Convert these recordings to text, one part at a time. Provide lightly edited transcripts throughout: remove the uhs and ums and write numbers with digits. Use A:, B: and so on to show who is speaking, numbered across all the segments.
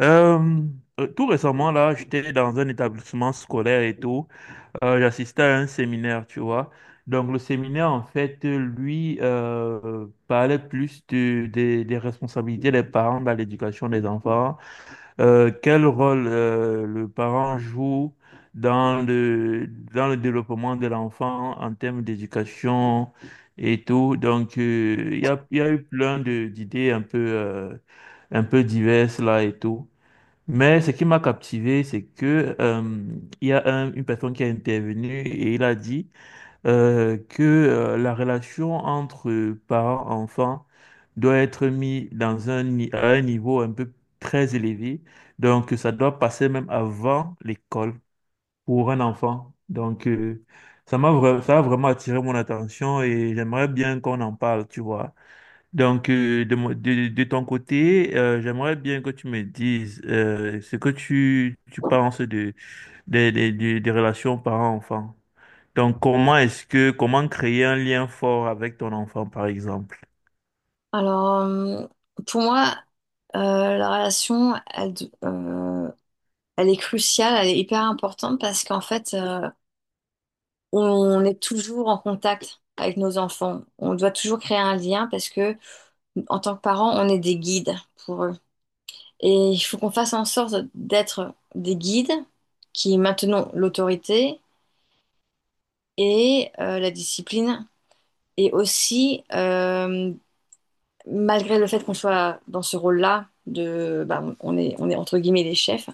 A: Euh, tout récemment, là, j'étais dans un établissement scolaire et tout. J'assistais à un séminaire, tu vois. Donc, le séminaire, en fait, lui, parlait plus des responsabilités des parents dans l'éducation des enfants. Quel rôle le parent joue dans le développement de l'enfant en termes d'éducation et tout. Donc, il y a eu plein d'idées un peu diverses là et tout. Mais ce qui m'a captivé, c'est que il y a une personne qui a intervenu et il a dit que la relation entre parents-enfants doit être mise dans un, ni- à un niveau un peu très élevé. Donc, ça doit passer même avant l'école pour un enfant. Donc, ça a vraiment attiré mon attention et j'aimerais bien qu'on en parle, tu vois. Donc, de ton côté, j'aimerais bien que tu me dises ce que tu penses de, des relations parents-enfants. Donc, comment créer un lien fort avec ton enfant, par exemple?
B: Alors, euh, pour moi, la relation, elle est cruciale, elle est hyper importante parce qu'en fait, on est toujours en contact avec nos enfants. On doit toujours créer un lien parce que, en tant que parents, on est des guides pour eux. Et il faut qu'on fasse en sorte d'être des guides qui maintenons l'autorité et la discipline et aussi malgré le fait qu'on soit dans ce rôle-là, de, bah, on est entre guillemets des chefs,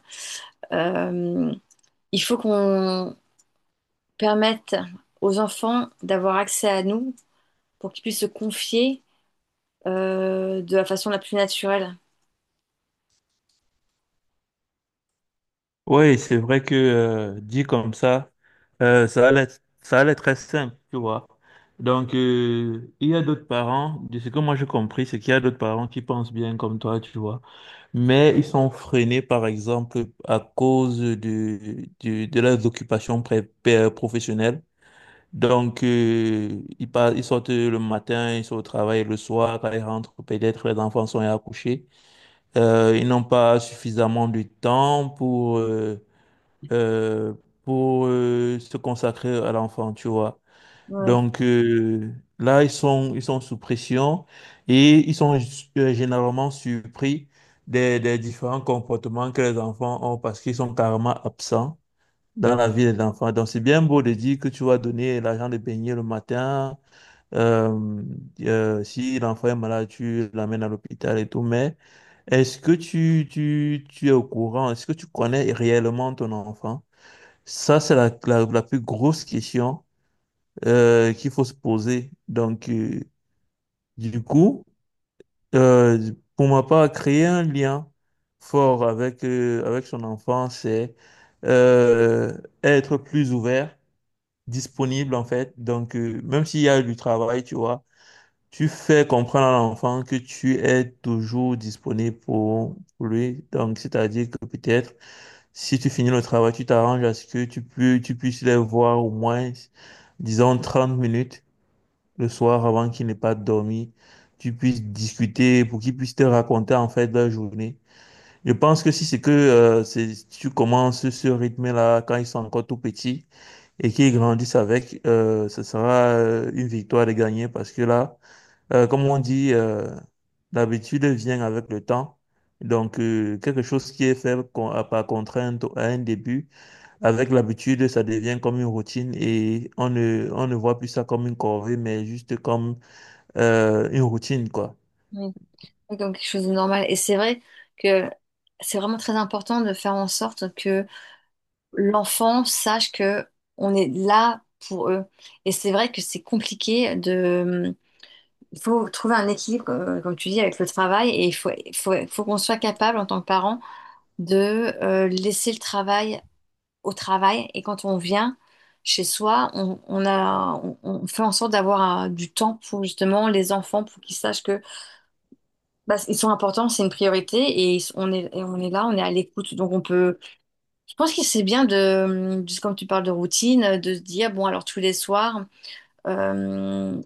B: euh, il faut qu'on permette aux enfants d'avoir accès à nous pour qu'ils puissent se confier de la façon la plus naturelle.
A: Oui, c'est vrai que dit comme ça, euh, ça allait, ça allait très simple, tu vois. Donc, il y a d'autres parents, de ce que moi j'ai compris, c'est qu'il y a d'autres parents qui pensent bien comme toi, tu vois. Mais ils sont freinés, par exemple, à cause de leurs occupations professionnelles. Donc, ils sortent le matin, ils sont au travail le soir, quand ils rentrent, peut-être les enfants sont à coucher. Ils n'ont pas suffisamment de temps euh, pour se consacrer à l'enfant, tu vois.
B: Ouais,
A: Donc là, ils sont sous pression et ils sont généralement surpris des différents comportements que les enfants ont parce qu'ils sont carrément absents dans la vie des enfants. Donc c'est bien beau de dire que tu vas donner l'argent de baigner le matin. euh, si l'enfant est malade, tu l'amènes à l'hôpital et tout. Mais est-ce que tu es au courant? Est-ce que tu connais réellement ton enfant? Ça, c'est la plus grosse question qu'il faut se poser. Donc, du coup, pour ma part, créer un lien fort avec son enfant, c'est euh, être plus ouvert, disponible en fait. Donc, même s'il y a du travail, tu vois, tu fais comprendre à l'enfant que tu es toujours disponible pour lui. Donc, c'est-à-dire que peut-être, si tu finis le travail, tu t'arranges à ce que tu puisses les voir au moins, disons, 30 minutes le soir avant qu'ils n'aient pas dormi, tu puisses discuter pour qu'ils puissent te raconter en fait leur journée. Je pense que si c'est que si tu commences ce rythme-là quand ils sont encore tout petits et qu'ils grandissent avec, ce sera une victoire de gagner parce que là, comme on dit, l'habitude vient avec le temps. Donc, quelque chose qui est fait par contrainte à un début, avec l'habitude, ça devient comme une routine et on ne voit plus ça comme une corvée, mais juste comme une routine, quoi.
B: oui. Oui, comme quelque chose de normal. Et c'est vrai que c'est vraiment très important de faire en sorte que l'enfant sache que on est là pour eux. Et c'est vrai que c'est compliqué de il faut trouver un équilibre, comme tu dis, avec le travail et il faut qu'on soit capable en tant que parent de laisser le travail au travail et quand on vient chez soi, on fait en sorte d'avoir du temps pour justement les enfants, pour qu'ils sachent que bah, ils sont importants, c'est une priorité et ils sont- on est, et on est là, on est à l'écoute. Donc je pense que c'est bien de, comme tu parles de routine, de se dire, bon alors tous les soirs. euh,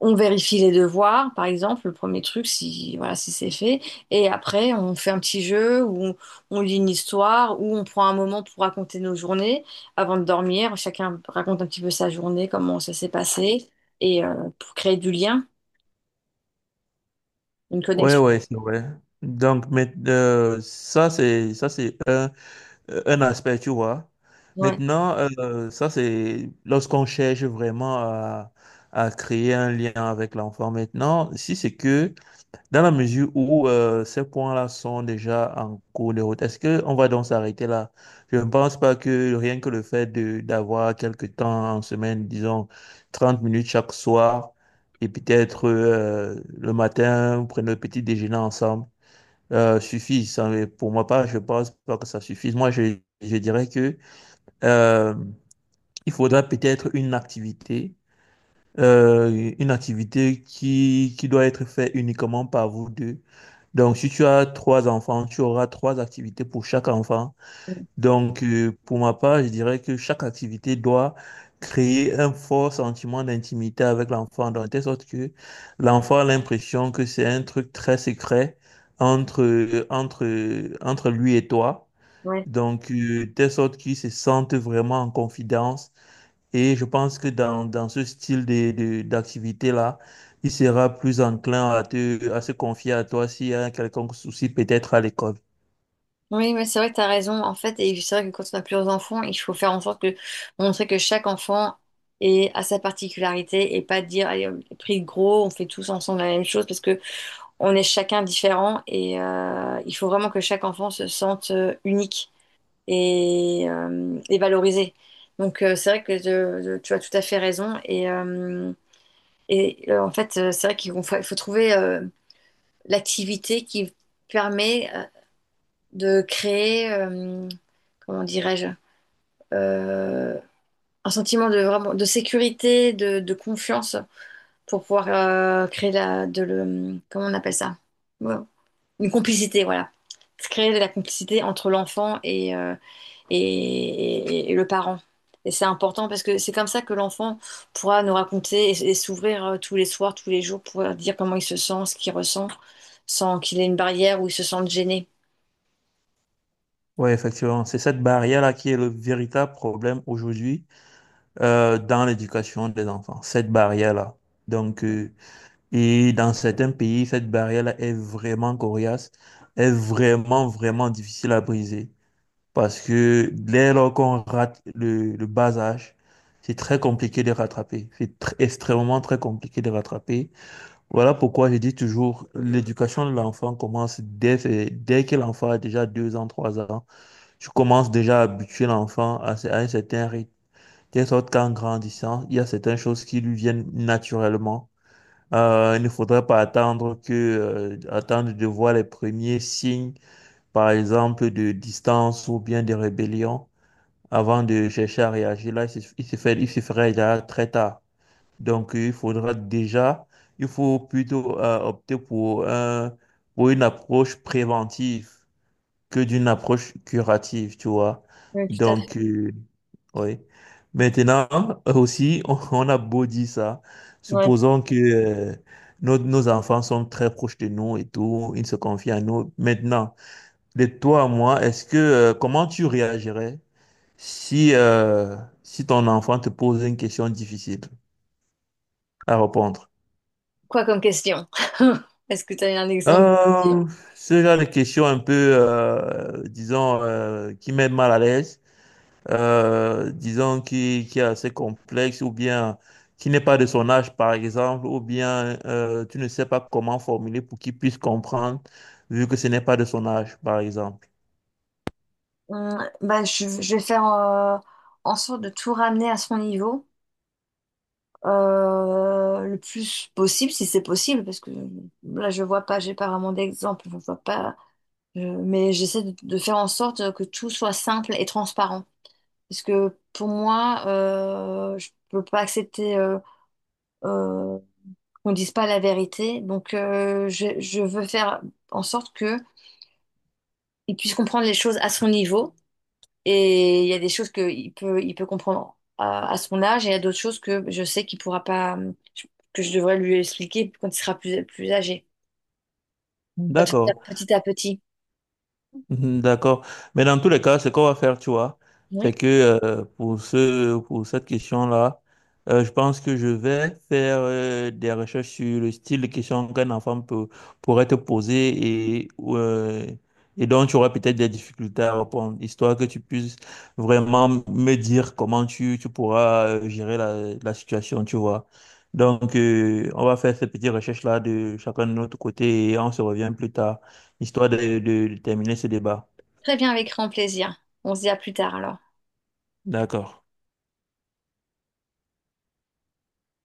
B: On vérifie les devoirs, par exemple, le premier truc, si voilà, si c'est fait. Et après, on fait un petit jeu on lit une histoire, où on prend un moment pour raconter nos journées avant de dormir. Chacun raconte un petit peu sa journée, comment ça s'est passé, pour créer du lien, une
A: Ouais,
B: connexion.
A: ouais, c'est vrai. Donc, mais, ça, c'est un aspect, tu vois.
B: Ouais,
A: Maintenant, ça, c'est lorsqu'on cherche vraiment à créer un lien avec l'enfant. Maintenant, si c'est que dans la mesure où ces points-là sont déjà en cours de route, est-ce qu'on va donc s'arrêter là? Je ne pense pas que rien que le fait de d'avoir quelques temps en semaine, disons 30 minutes chaque soir, et peut-être le matin, prendre le petit déjeuner ensemble, suffit. Ça, mais pour moi, pas, je pense pas que ça suffise. Moi, je dirais que euh, il faudra peut-être une activité qui doit être faite uniquement par vous deux. Donc, si tu as trois enfants, tu auras trois activités pour chaque enfant. Donc, pour ma part, je dirais que chaque activité doit créer un fort sentiment d'intimité avec l'enfant, de telle sorte que l'enfant a l'impression que c'est un truc très secret entre lui et toi.
B: ouais.
A: Donc, de telle sorte qu'il se sente vraiment en confidence et je pense que dans ce style d'activité-là, il sera plus enclin à se confier à toi s'il y a un quelconque souci peut-être à l'école.
B: Oui, mais c'est vrai que tu as raison. En fait, et c'est vrai que quand on a plusieurs enfants, il faut faire en sorte que montrer que chaque enfant est à sa particularité et pas dire, allez, on est pris de gros, on fait tous ensemble la même chose parce que on est chacun différent et il faut vraiment que chaque enfant se sente unique et valorisé. Donc, c'est vrai que tu as tout à fait raison et en fait C'est vrai qu'il faut trouver l'activité qui permet de créer, comment dirais-je, euh, un sentiment de, vraiment, de sécurité, de confiance pour pouvoir créer la, de le, comment on appelle ça? Ouais, une complicité, voilà. Se créer de la complicité entre l'enfant et le parent. Et c'est important parce que c'est comme ça que l'enfant pourra nous raconter et s'ouvrir tous les soirs, tous les jours, pour dire comment il se sent, ce qu'il ressent, sans qu'il ait une barrière ou il se sente gêné.
A: Oui, effectivement, c'est cette barrière-là qui est le véritable problème aujourd'hui dans l'éducation des enfants, cette barrière-là. Donc, et dans certains pays, cette barrière-là est vraiment coriace, est vraiment, vraiment difficile à briser. Parce que dès lors qu'on rate le bas âge, c'est très compliqué de rattraper. Extrêmement très compliqué de rattraper. Voilà pourquoi je dis toujours, l'éducation de l'enfant commence dès que l'enfant a déjà 2 ans, 3 ans. Je commence déjà à habituer l'enfant à un certain rythme. De sorte qu'en grandissant, il y a certaines choses qui lui viennent naturellement. Il ne faudrait pas attendre de voir les premiers signes, par exemple, de distance ou bien de rébellion avant de chercher à réagir, là, il se ferait déjà très tard. Donc, il faut plutôt opter pour une approche préventive que d'une approche curative, tu vois.
B: Oui, tout à fait.
A: Donc, oui. Maintenant, aussi, on a beau dire ça.
B: Ouais.
A: Supposons que nos enfants sont très proches de nous et tout, ils se confient à nous. Maintenant, de toi à moi, comment tu réagirais? Si, euh, si ton enfant te pose une question difficile à répondre,
B: Quoi comme question? Est-ce que tu as un exemple de question?
A: euh, ce genre de question un peu, disons, qui met mal à l'aise, disons, qui est assez complexe ou bien qui n'est pas de son âge, par exemple, ou bien tu ne sais pas comment formuler pour qu'il puisse comprendre, vu que ce n'est pas de son âge, par exemple.
B: Je vais faire en sorte de tout ramener à son niveau. Le plus possible, si c'est possible, parce que là, je vois pas, j'ai pas vraiment d'exemple, je vois pas, je- mais j'essaie de faire en sorte que tout soit simple et transparent. Parce que pour moi, je peux pas accepter euh, qu'on dise pas la vérité, donc je veux faire en sorte que il puisse comprendre les choses à son niveau et il y a des choses qu'il peut comprendre à son âge, et il y a d'autres choses que je sais qu'il pourra pas, que je devrais lui expliquer quand il sera plus âgé. Ça va
A: D'accord.
B: petit à petit.
A: Mhm, d'accord. Mais dans tous les cas, ce qu'on va faire, tu vois, c'est
B: Oui.
A: que pour cette question-là, je pense que je vais faire des recherches sur le style de question qu'un enfant pourrait te poser et dont tu auras peut-être des difficultés à répondre, histoire que tu puisses vraiment me dire comment tu pourras gérer la situation, tu vois. Donc, on va faire cette petite recherche-là de chacun de notre côté et on se revient plus tard histoire de terminer ce débat.
B: Très bien, avec grand plaisir. On se dit à plus tard alors.
A: D'accord.